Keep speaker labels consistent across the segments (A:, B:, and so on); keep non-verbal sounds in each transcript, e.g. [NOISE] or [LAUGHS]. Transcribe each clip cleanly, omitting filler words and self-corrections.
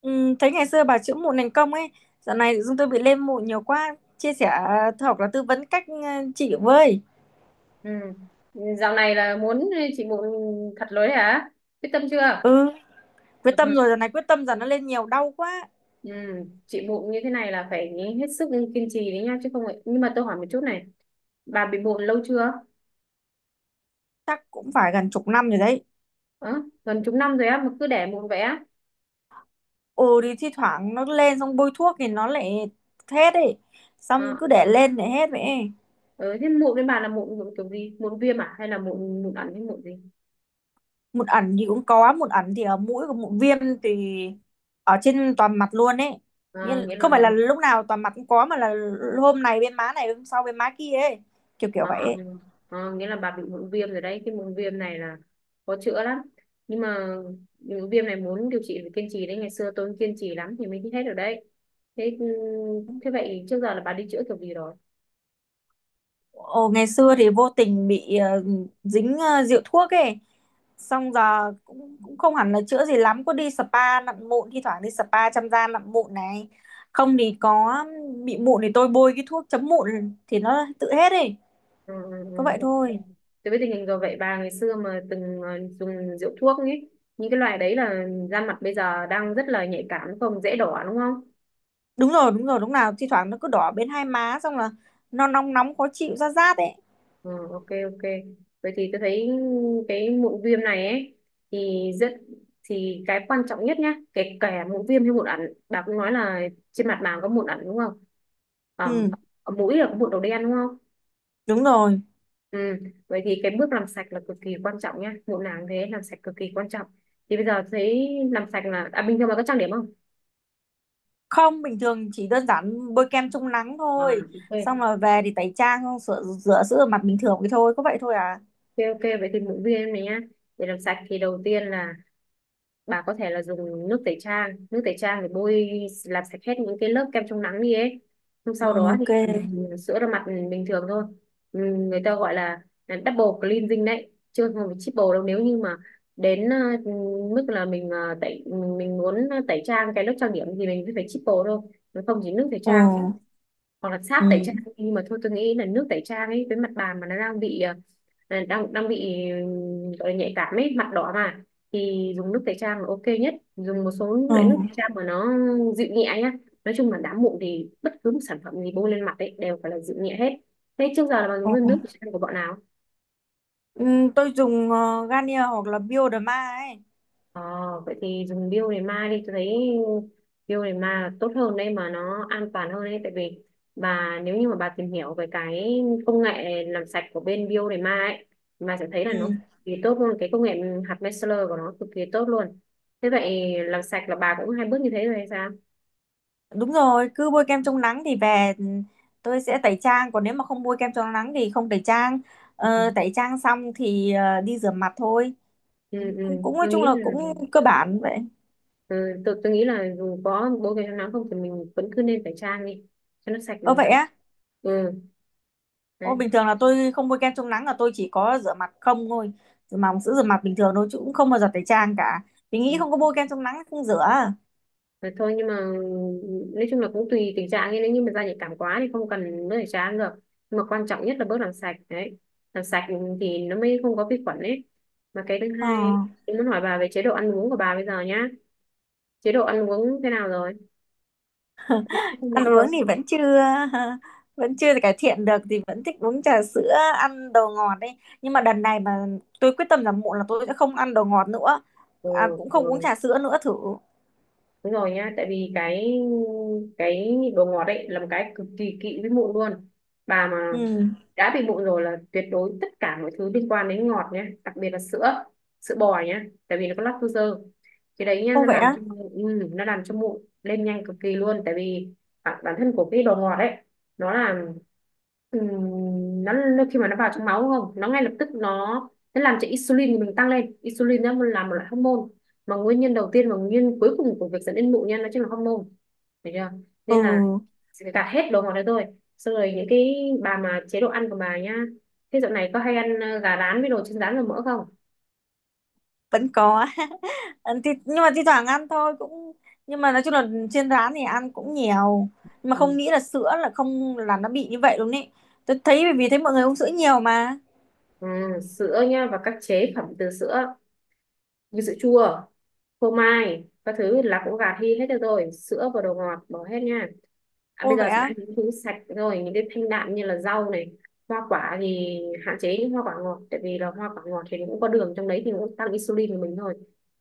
A: Ừ, thấy ngày xưa bà chữa mụn thành công ấy, dạo này chúng tôi bị lên mụn nhiều quá, chia sẻ hoặc là tư vấn cách trị với.
B: Ừ. Dạo này là muốn chị mụn thật lối hả? Quyết tâm chưa?
A: Ừ, quyết
B: Ừ.
A: tâm rồi, dạo này quyết tâm giờ nó lên nhiều đau quá,
B: Ừ. Chị mụn như thế này là phải hết sức kiên trì đấy nha chứ không vậy. Nhưng mà tôi hỏi một chút này, bà bị mụn lâu chưa?
A: chắc cũng phải gần chục năm rồi đấy.
B: Ờ, gần chục năm rồi á mà cứ để mụn vậy á?
A: Ừ thì thi thoảng nó lên xong bôi thuốc thì nó lại hết ấy, xong
B: Ờ,
A: cứ để
B: ờ.
A: lên để hết vậy ấy.
B: Ừ, thế mụn với bà là mụn kiểu gì? Mụn viêm à? Hay là mụn mụn ẩn hay mụn gì?
A: Mụn ẩn thì cũng có, mụn ẩn thì ở mũi, của mụn viêm thì ở trên toàn mặt luôn ấy.
B: Ờ,
A: Nhưng
B: nghĩa
A: không phải
B: là
A: là lúc nào toàn mặt cũng có, mà là hôm này bên má này, hôm sau bên má kia ấy, kiểu kiểu
B: Ờ,
A: vậy ấy.
B: nghĩa là bà bị mụn viêm rồi đấy. Cái mụn viêm này là khó chữa lắm nhưng mà mụn viêm này muốn điều trị phải kiên trì đấy. Ngày xưa tôi cũng kiên trì lắm thì mới hết được đấy. Thế ừ, thế vậy trước giờ là bà đi chữa kiểu gì rồi?
A: Ồ, ngày xưa thì vô tình bị dính rượu thuốc ấy, xong giờ cũng cũng không hẳn là chữa gì lắm, có đi spa nặn mụn, thi thoảng đi spa chăm da nặn mụn này, không thì có bị mụn thì tôi bôi cái thuốc chấm mụn thì nó tự hết ấy,
B: Ừ, ừ,
A: có
B: ừ,
A: vậy
B: ok.
A: thôi.
B: Tôi biết tình hình rồi. Vậy bà ngày xưa mà từng dùng rượu thuốc ấy, những cái loại đấy là da mặt bây giờ đang rất là nhạy cảm đúng không? Dễ đỏ đúng không?
A: Đúng rồi, đúng rồi, đúng. Nào thi thoảng nó cứ đỏ bên hai má, xong là nó nóng nóng khó chịu, ra rát ấy.
B: Ừ, ok ok. Vậy thì tôi thấy cái mụn viêm này ấy thì thì cái quan trọng nhất nhá, kể cả mụn viêm hay mụn ẩn bà cũng nói là trên mặt bà có mụn ẩn đúng không? ở,
A: Ừ,
B: ở mũi là có mụn đầu đen đúng không?
A: đúng rồi.
B: Ừ. Vậy thì cái bước làm sạch là cực kỳ quan trọng nhá, mụn nào cũng thế, làm sạch cực kỳ quan trọng. Thì bây giờ thấy làm sạch là bình thường bà có trang điểm không?
A: Không, bình thường chỉ đơn giản bôi kem chống nắng
B: À,
A: thôi, xong
B: ok
A: rồi về thì tẩy trang, xong sửa rửa sữa mặt bình thường cái thôi, có vậy thôi à.
B: ok ok. Vậy thì mụn viêm này nhá, để làm sạch thì đầu tiên là bà có thể là dùng nước tẩy trang, nước tẩy trang để bôi làm sạch hết những cái lớp kem chống nắng đi ấy, xong sau
A: Ừ,
B: đó
A: ok.
B: thì sữa rửa mặt bình thường thôi. Ừ, người ta gọi là double cleansing đấy chưa, không phải triple đâu, nếu như mà đến mức là mình muốn tẩy trang cái lớp trang điểm thì mình phải triple thôi. Nó không chỉ nước tẩy
A: Ờ.
B: trang hoặc là sáp tẩy trang
A: Ừ,
B: nhưng mà thôi tôi nghĩ là nước tẩy trang ấy với mặt bàn mà nó đang bị đang đang bị gọi là nhạy cảm ấy, mặt đỏ mà thì dùng nước tẩy trang là ok nhất. Dùng một số
A: ờ.
B: loại nước tẩy trang mà nó dịu nhẹ nhá. Nói chung là đám mụn thì bất cứ một sản phẩm gì bôi lên mặt ấy đều phải là dịu nhẹ hết. Thế trước giờ là bạn
A: Ờ.
B: dùng nước tẩy trang của bọn nào?
A: Ừ, tôi dùng Garnier hoặc là Bioderma ấy.
B: Ờ, vậy thì dùng biêu để ma đi, tôi thấy biêu để ma tốt hơn đấy mà nó an toàn hơn đấy, tại vì bà nếu như mà bà tìm hiểu về cái công nghệ làm sạch của bên biêu để ma ấy, bà sẽ thấy là nó
A: Ừ,
B: cực kỳ tốt luôn. Cái công nghệ hạt micellar của nó cực kỳ tốt luôn. Thế vậy làm sạch là bà cũng hai bước như thế rồi hay sao?
A: đúng rồi, cứ bôi kem chống nắng thì về, tôi sẽ tẩy trang. Còn nếu mà không bôi kem chống nắng thì không tẩy trang. Ờ,
B: Ừ.
A: tẩy trang xong thì đi rửa mặt thôi.
B: Ừ, ừ.
A: Cũng nói
B: Tôi
A: chung
B: nghĩ
A: là
B: là
A: cũng cơ bản vậy.
B: tôi nghĩ là dù có bố cái nắng không thì mình vẫn cứ nên phải trang đi cho nó sạch
A: Ờ vậy
B: hẳn.
A: á?
B: Ừ,
A: Ô,
B: đấy.
A: bình thường là tôi không bôi kem chống nắng là tôi chỉ có rửa mặt không thôi. Rửa mặt bằng sữa rửa mặt bình thường thôi, chứ cũng không bao giờ tẩy trang cả. Vì nghĩ không có bôi kem chống nắng không rửa.
B: Thế thôi nhưng mà nói chung là cũng tùy tình trạng ấy. Nếu như mà da nhạy cảm quá thì không cần nước tẩy trắng được, nhưng mà quan trọng nhất là bước làm sạch đấy. Làm sạch thì nó mới không có vi khuẩn ấy. Mà cái thứ
A: Ờ.
B: hai, em muốn hỏi bà về chế độ ăn uống của bà bây giờ nhá. Chế độ ăn uống thế nào rồi, có không
A: Ăn
B: mặn
A: uống
B: không?
A: thì vẫn chưa [LAUGHS] vẫn chưa cải thiện được, thì vẫn thích uống trà sữa, ăn đồ ngọt đấy, nhưng mà đợt này mà tôi quyết tâm rằng muộn là tôi sẽ không ăn đồ ngọt nữa,
B: Ừ,
A: à, cũng
B: ừ.
A: không uống trà sữa nữa thử.
B: Đúng rồi nhá, tại vì cái nhịn đồ ngọt ấy là một cái cực kỳ kỵ với mụn luôn. Bà mà
A: Ừ.
B: đã bị mụn rồi là tuyệt đối tất cả mọi thứ liên quan đến ngọt nhé, đặc biệt là sữa, sữa bò nhé, tại vì nó có lactose. Cái đấy nhá
A: Ô
B: nó
A: vậy
B: làm
A: á?
B: cho mụn nó làm cho mụn lên nhanh cực kỳ luôn, tại vì bản thân của cái đồ ngọt ấy nó là ừm, nó khi mà nó vào trong máu đúng không, nó ngay lập tức nó làm cho insulin của mình tăng lên. Insulin nó là một loại hormone mà nguyên nhân đầu tiên và nguyên nhân cuối cùng của việc dẫn đến mụn nha, nó chính là hormone. Được chưa? Nên
A: Ừ.
B: là sẽ gạt hết đồ ngọt đấy thôi. Xong rồi những cái bà mà chế độ ăn của bà nhá, thế dạo này có hay ăn gà rán với đồ chiên rán và mỡ không?
A: Vẫn có. [LAUGHS] Ăn thì, nhưng mà thi thoảng ăn thôi, cũng nhưng mà nói chung là trên rán thì ăn cũng nhiều, nhưng mà không
B: Ừ.
A: nghĩ là sữa là không, là nó bị như vậy luôn ấy. Tôi thấy bởi vì thấy mọi người uống sữa nhiều mà.
B: ừ, sữa nha và các chế phẩm từ sữa như sữa chua phô mai các thứ là cũng gạt đi hết được rồi, sữa và đồ ngọt bỏ hết nha. Bây
A: Ô
B: giờ
A: vậy
B: sẽ ăn
A: á?
B: những thứ sạch rồi, những cái thanh đạm như là rau này, hoa quả thì hạn chế những hoa quả ngọt, tại vì là hoa quả ngọt thì nó cũng có đường trong đấy thì nó cũng tăng insulin của mình thôi.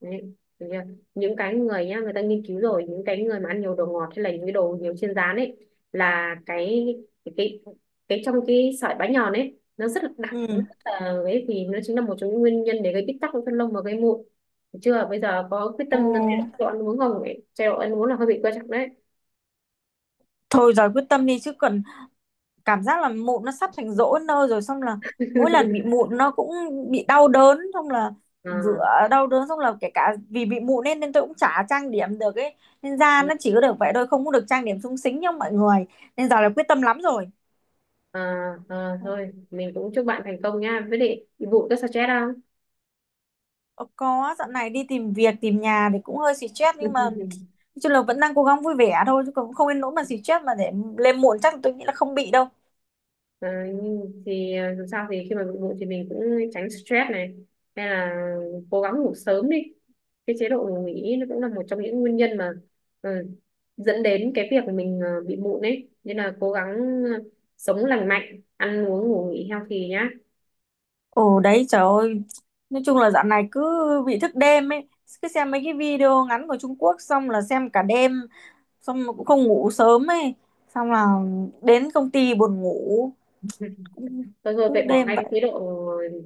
B: Đấy, được chưa? Những cái người nhá, người ta nghiên cứu rồi, những cái người mà ăn nhiều đồ ngọt hay là những cái đồ nhiều chiên rán ấy, là cái cái cái, cái trong cái sợi bánh nhòn ấy nó rất là đặc, nó
A: Ừ.
B: rất là ấy thì nó chính là một trong những nguyên nhân để gây bít tắc của phân lông và gây mụn. Thấy chưa, bây giờ có quyết
A: Ồ.
B: tâm chế độ ăn uống không ấy, chế độ ăn uống là hơi bị quan trọng đấy.
A: Thôi rồi, quyết tâm đi chứ, còn cảm giác là mụn nó sắp thành rỗ nơ rồi, xong là mỗi lần bị
B: [LAUGHS]
A: mụn nó cũng bị đau đớn, xong là rửa
B: à,
A: đau đớn, xong là kể cả vì bị mụn nên nên tôi cũng chả trang điểm được ấy, nên da nó chỉ có được vậy thôi, không có được trang điểm xúng xính như mọi người, nên giờ là quyết tâm lắm rồi.
B: à, thôi mình cũng chúc bạn thành công nha, với lại vụ rất stress không?
A: Ờ, có, dạo này đi tìm việc tìm nhà thì cũng hơi stress, nhưng mà nói
B: [LAUGHS]
A: chung là vẫn đang cố gắng vui vẻ thôi, chứ cũng không nên nỗi mà stress mà để lên muộn, chắc tôi nghĩ là không bị đâu.
B: Nhưng thì dù sao thì khi mà bị bụng thì mình cũng tránh stress này hay là cố gắng ngủ sớm đi. Cái chế độ ngủ nghỉ nó cũng là một trong những nguyên nhân mà ờ, dẫn đến cái việc mình bị mụn ấy nên là cố gắng ờ, sống lành mạnh, ăn uống ngủ nghỉ healthy nhá.
A: Ồ đấy trời ơi. Nói chung là dạo này cứ bị thức đêm ấy. Cứ xem mấy cái video ngắn của Trung Quốc, xong là xem cả đêm. Xong mà cũng không ngủ sớm ấy. Xong là đến công ty buồn ngủ. Cũng
B: Thôi thôi
A: cứ lúc
B: vậy bỏ
A: đêm
B: ngay
A: vậy.
B: cái chế độ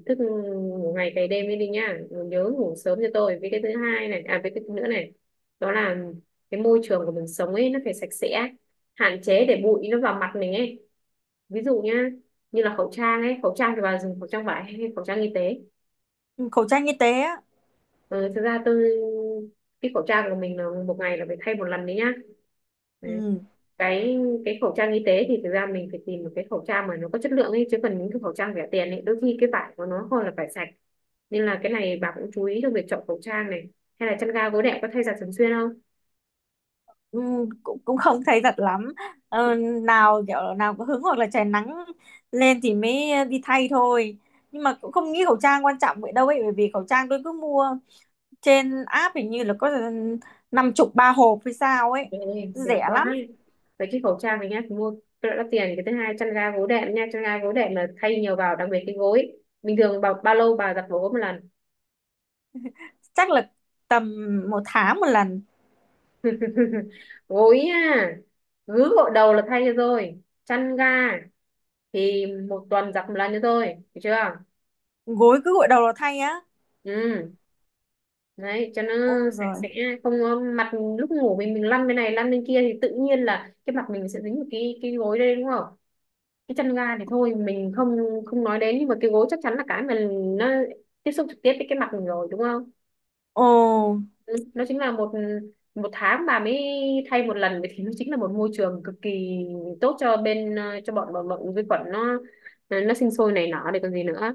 B: thức ngủ ngày cày đêm đi đi nhá, nhớ ngủ sớm cho tôi. Với cái thứ hai này, à với cái thứ nữa này, đó là cái môi trường của mình sống ấy, nó phải sạch sẽ. Hạn chế để bụi nó vào mặt mình ấy. Ví dụ nhá, như là khẩu trang ấy. Khẩu trang thì bà dùng khẩu trang vải hay khẩu trang y tế?
A: Ừ, khẩu trang y tế á.
B: Ờ, thực ra tôi cái khẩu trang của mình là một ngày là phải thay một lần đấy nhá, đấy.
A: Ừ.
B: cái cái khẩu trang y tế thì thực ra mình phải tìm một cái khẩu trang mà nó có chất lượng ấy, chứ còn những cái khẩu trang rẻ tiền ấy đôi khi cái vải của nó không là vải sạch, nên là cái này bà cũng chú ý trong việc chọn khẩu trang này, hay là chăn ga gối đệm có thay giặt thường xuyên không?
A: Ừ, cũng không [LAUGHS] thấy thật lắm. ờ, Nào kiểu nào có hứng hoặc là trời nắng lên thì mới đi thay thôi. Nhưng mà cũng không nghĩ khẩu trang quan trọng vậy đâu ấy. Bởi vì khẩu trang tôi cứ mua trên app, hình như là có 50 3 hộp hay sao ấy.
B: Trời ơi, rẻ
A: Rẻ
B: quá
A: lắm.
B: ấy. Vậy cái khẩu trang này nhá, mua cái đó đắt tiền. Cái thứ hai, chăn ga gối đệm nha, chăn ga gối đệm là thay nhiều vào, đặc biệt cái gối. Bình thường bao lâu bà giặt gối một lần?
A: Chắc là tầm 1 tháng 1 lần.
B: [LAUGHS] Gối à? Gứ gội đầu là thay cho rồi. Chăn ga thì một tuần giặt một lần cho rồi. Được chưa?
A: Gối cứ gội đầu là thay á?
B: Ừ, đấy cho nó
A: Ôi
B: sạch
A: rồi.
B: sẽ không có mặt. Lúc ngủ mình lăn bên này lăn bên kia thì tự nhiên là cái mặt mình sẽ dính vào cái gối đây đúng không? Cái chăn ga thì thôi mình không không nói đến, nhưng mà cái gối chắc chắn là cái mà nó tiếp xúc trực tiếp với cái mặt mình rồi đúng không?
A: Ồ.
B: Ừ, nó chính là một một tháng bà mới thay một lần, vậy thì nó chính là một môi trường cực kỳ tốt cho bên cho bọn bọn, bọn vi khuẩn nó sinh sôi nảy nở để còn gì nữa.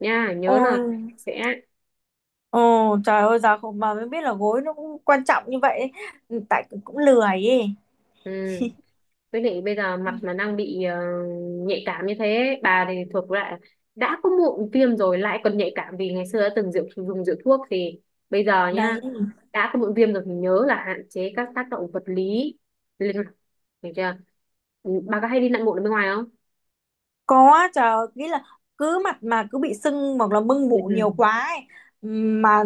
B: Nha, nhớ là
A: Ôi.
B: sẽ.
A: Ồ trời ơi, giờ không mà mới biết là gối nó cũng quan trọng như vậy ấy. Tại cũng lười ấy.
B: Ừ. Với lại bây giờ mặt mà đang bị nhạy cảm như thế bà thì thuộc lại, đã có mụn viêm rồi lại còn nhạy cảm, vì ngày xưa đã từng rượu dùng rượu thuốc thì bây giờ nha
A: Đấy,
B: đã có mụn viêm rồi thì nhớ là hạn chế các tác động vật lý lên mặt, hiểu chưa? Bà có hay đi lặn lộn ở bên ngoài không?
A: có, chờ nghĩ là cứ mặt mà cứ bị sưng hoặc là mưng
B: Ừ,
A: mủ
B: ừ,
A: nhiều quá ấy. Mà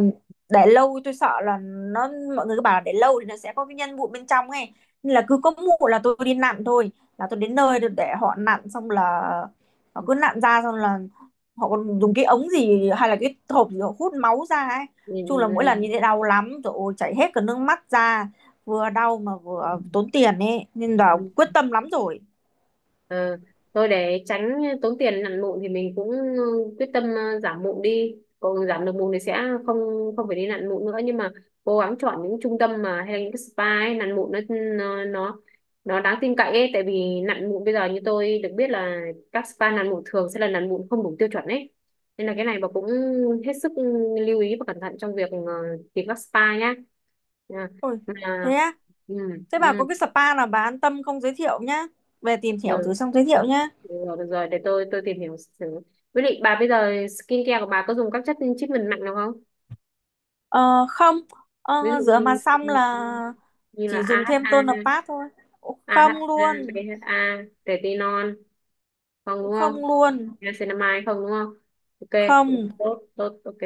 A: để lâu tôi sợ là nó, mọi người cứ bảo là để lâu thì nó sẽ có cái nhân mụn bên trong ấy, nên là cứ có mụn là tôi đi nặn thôi, là tôi đến nơi để họ nặn, xong là họ cứ nặn ra, xong là họ còn dùng cái ống gì hay là cái hộp gì họ hút máu ra ấy,
B: ừ,
A: chung là mỗi lần như thế đau lắm rồi, ôi chảy hết cả nước mắt ra, vừa đau mà
B: ừ,
A: vừa tốn tiền ấy, nên là
B: ừ.
A: quyết tâm lắm rồi.
B: Ờ, thôi để tránh tốn tiền nặn mụn thì mình cũng quyết tâm giảm mụn đi, còn giảm được mụn thì sẽ không không phải đi nặn mụn nữa, nhưng mà cố gắng chọn những trung tâm mà hay là những cái spa ấy, nặn mụn nó nó nó nó đáng tin cậy ấy, tại vì nặn mụn bây giờ như tôi được biết là các spa nặn mụn thường sẽ là nặn mụn không đủ tiêu chuẩn ấy, nên là cái này bà cũng hết sức lưu ý và cẩn thận trong việc tìm các spa nhá. À,
A: Ôi
B: mà
A: thế á?
B: ừ,
A: Thế
B: ừ,
A: bà có cái spa nào bà an tâm không, giới thiệu nhá. Về tìm hiểu thử
B: ừ.
A: xong giới thiệu nhá.
B: Được rồi, để tôi tìm hiểu thử. Với lại bà bây giờ skincare của bà có dùng các chất treatment mạnh nào không?
A: Ờ, không, ờ,
B: Ví dụ
A: rửa mặt
B: như
A: xong là
B: như là
A: chỉ dùng thêm
B: AHA,
A: toner pad thôi. Ồ, không
B: AHA,
A: luôn,
B: BHA, retinol, không đúng
A: không
B: không?
A: luôn,
B: Ra cinema hay không đúng không? Ok,
A: không.
B: tốt tốt ok.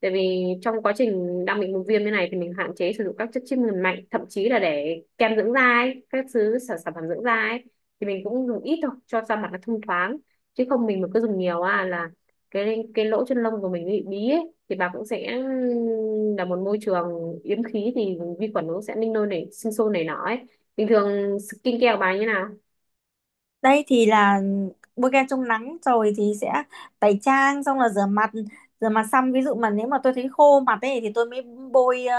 B: Tại vì trong quá trình đang bị vùng viêm như này thì mình hạn chế sử dụng các chất chiết mùi mạnh, thậm chí là để kem dưỡng da ấy, các thứ sản sản phẩm dưỡng da ấy thì mình cũng dùng ít thôi cho da mặt nó thông thoáng, chứ không mình mà cứ dùng nhiều à là cái lỗ chân lông của mình nó bị bí ấy thì bà cũng sẽ là một môi trường yếm khí thì vi khuẩn nó sẽ ninh nôi nảy sinh sôi nảy nọ ấy. Bình thường skin care của bà như nào?
A: Đây thì là bôi kem chống nắng rồi thì sẽ tẩy trang, xong là rửa mặt. Rửa mặt xong ví dụ mà nếu mà tôi thấy khô mặt ấy thì tôi mới bôi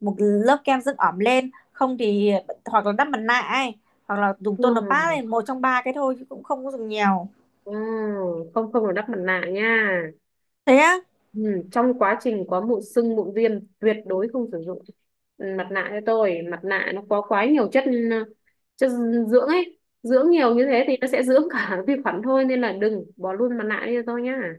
A: một lớp kem dưỡng ẩm lên. Không thì hoặc là đắp mặt nạ ấy, hoặc là dùng
B: Ừ.
A: toner pad ấy, một trong ba cái thôi, chứ cũng không có dùng nhiều.
B: Ừ, không không được đắp mặt nạ nha.
A: Thế á?
B: Ừ, trong quá trình có mụn sưng mụn viêm tuyệt đối không sử dụng. Mặt nạ cho tôi, mặt nạ nó có quá nhiều chất ờ, chất dưỡng ấy, dưỡng nhiều như thế thì nó sẽ [LAUGHS] dưỡng cả vi khuẩn thôi, nên là đừng bỏ luôn mặt nạ đi cho tôi nhá.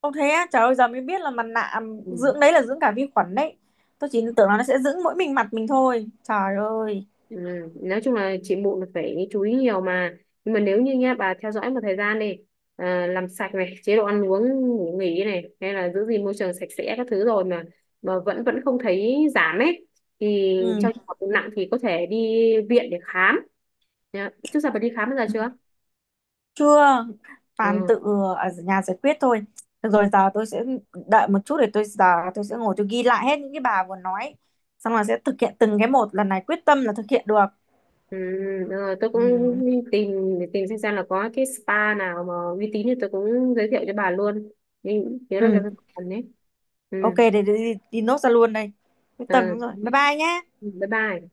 A: Ông thế á, trời ơi giờ mới biết là mặt nạ, à,
B: Ừ.
A: dưỡng đấy là dưỡng cả vi khuẩn đấy, tôi chỉ tưởng là nó sẽ dưỡng mỗi mình mặt mình thôi, trời ơi.
B: Ừ. Nói chung là chị mụn phải chú ý nhiều mà, nhưng mà nếu như nha bà theo dõi một thời gian đi, làm sạch này chế độ ăn uống ngủ nghỉ này hay là giữ gìn môi trường sạch sẽ các thứ rồi mà vẫn vẫn không thấy giảm ấy thì
A: Ừ.
B: trong trường hợp nặng thì có thể đi viện để khám. Nhá, trước giờ bà đi khám bao giờ chưa?
A: Chưa, toàn
B: Ừ.
A: tự ở nhà giải quyết thôi. Được rồi, giờ tôi sẽ đợi một chút, để tôi giờ tôi sẽ ngồi tôi ghi lại hết những cái bà vừa nói, xong rồi sẽ thực hiện từng cái một, lần này quyết tâm là thực hiện được.
B: Ừ. Rồi, tôi cũng
A: Ừ.
B: tìm tìm xem là có cái spa nào mà uy tín thì tôi cũng giới thiệu cho bà luôn, nhưng nhớ là
A: Ừ,
B: cho bà ấy. Ừ.
A: ok, để, để đi nốt ra luôn đây. Quyết
B: Ờ,
A: tâm, đúng rồi, bye bye nhé.
B: Bye bye.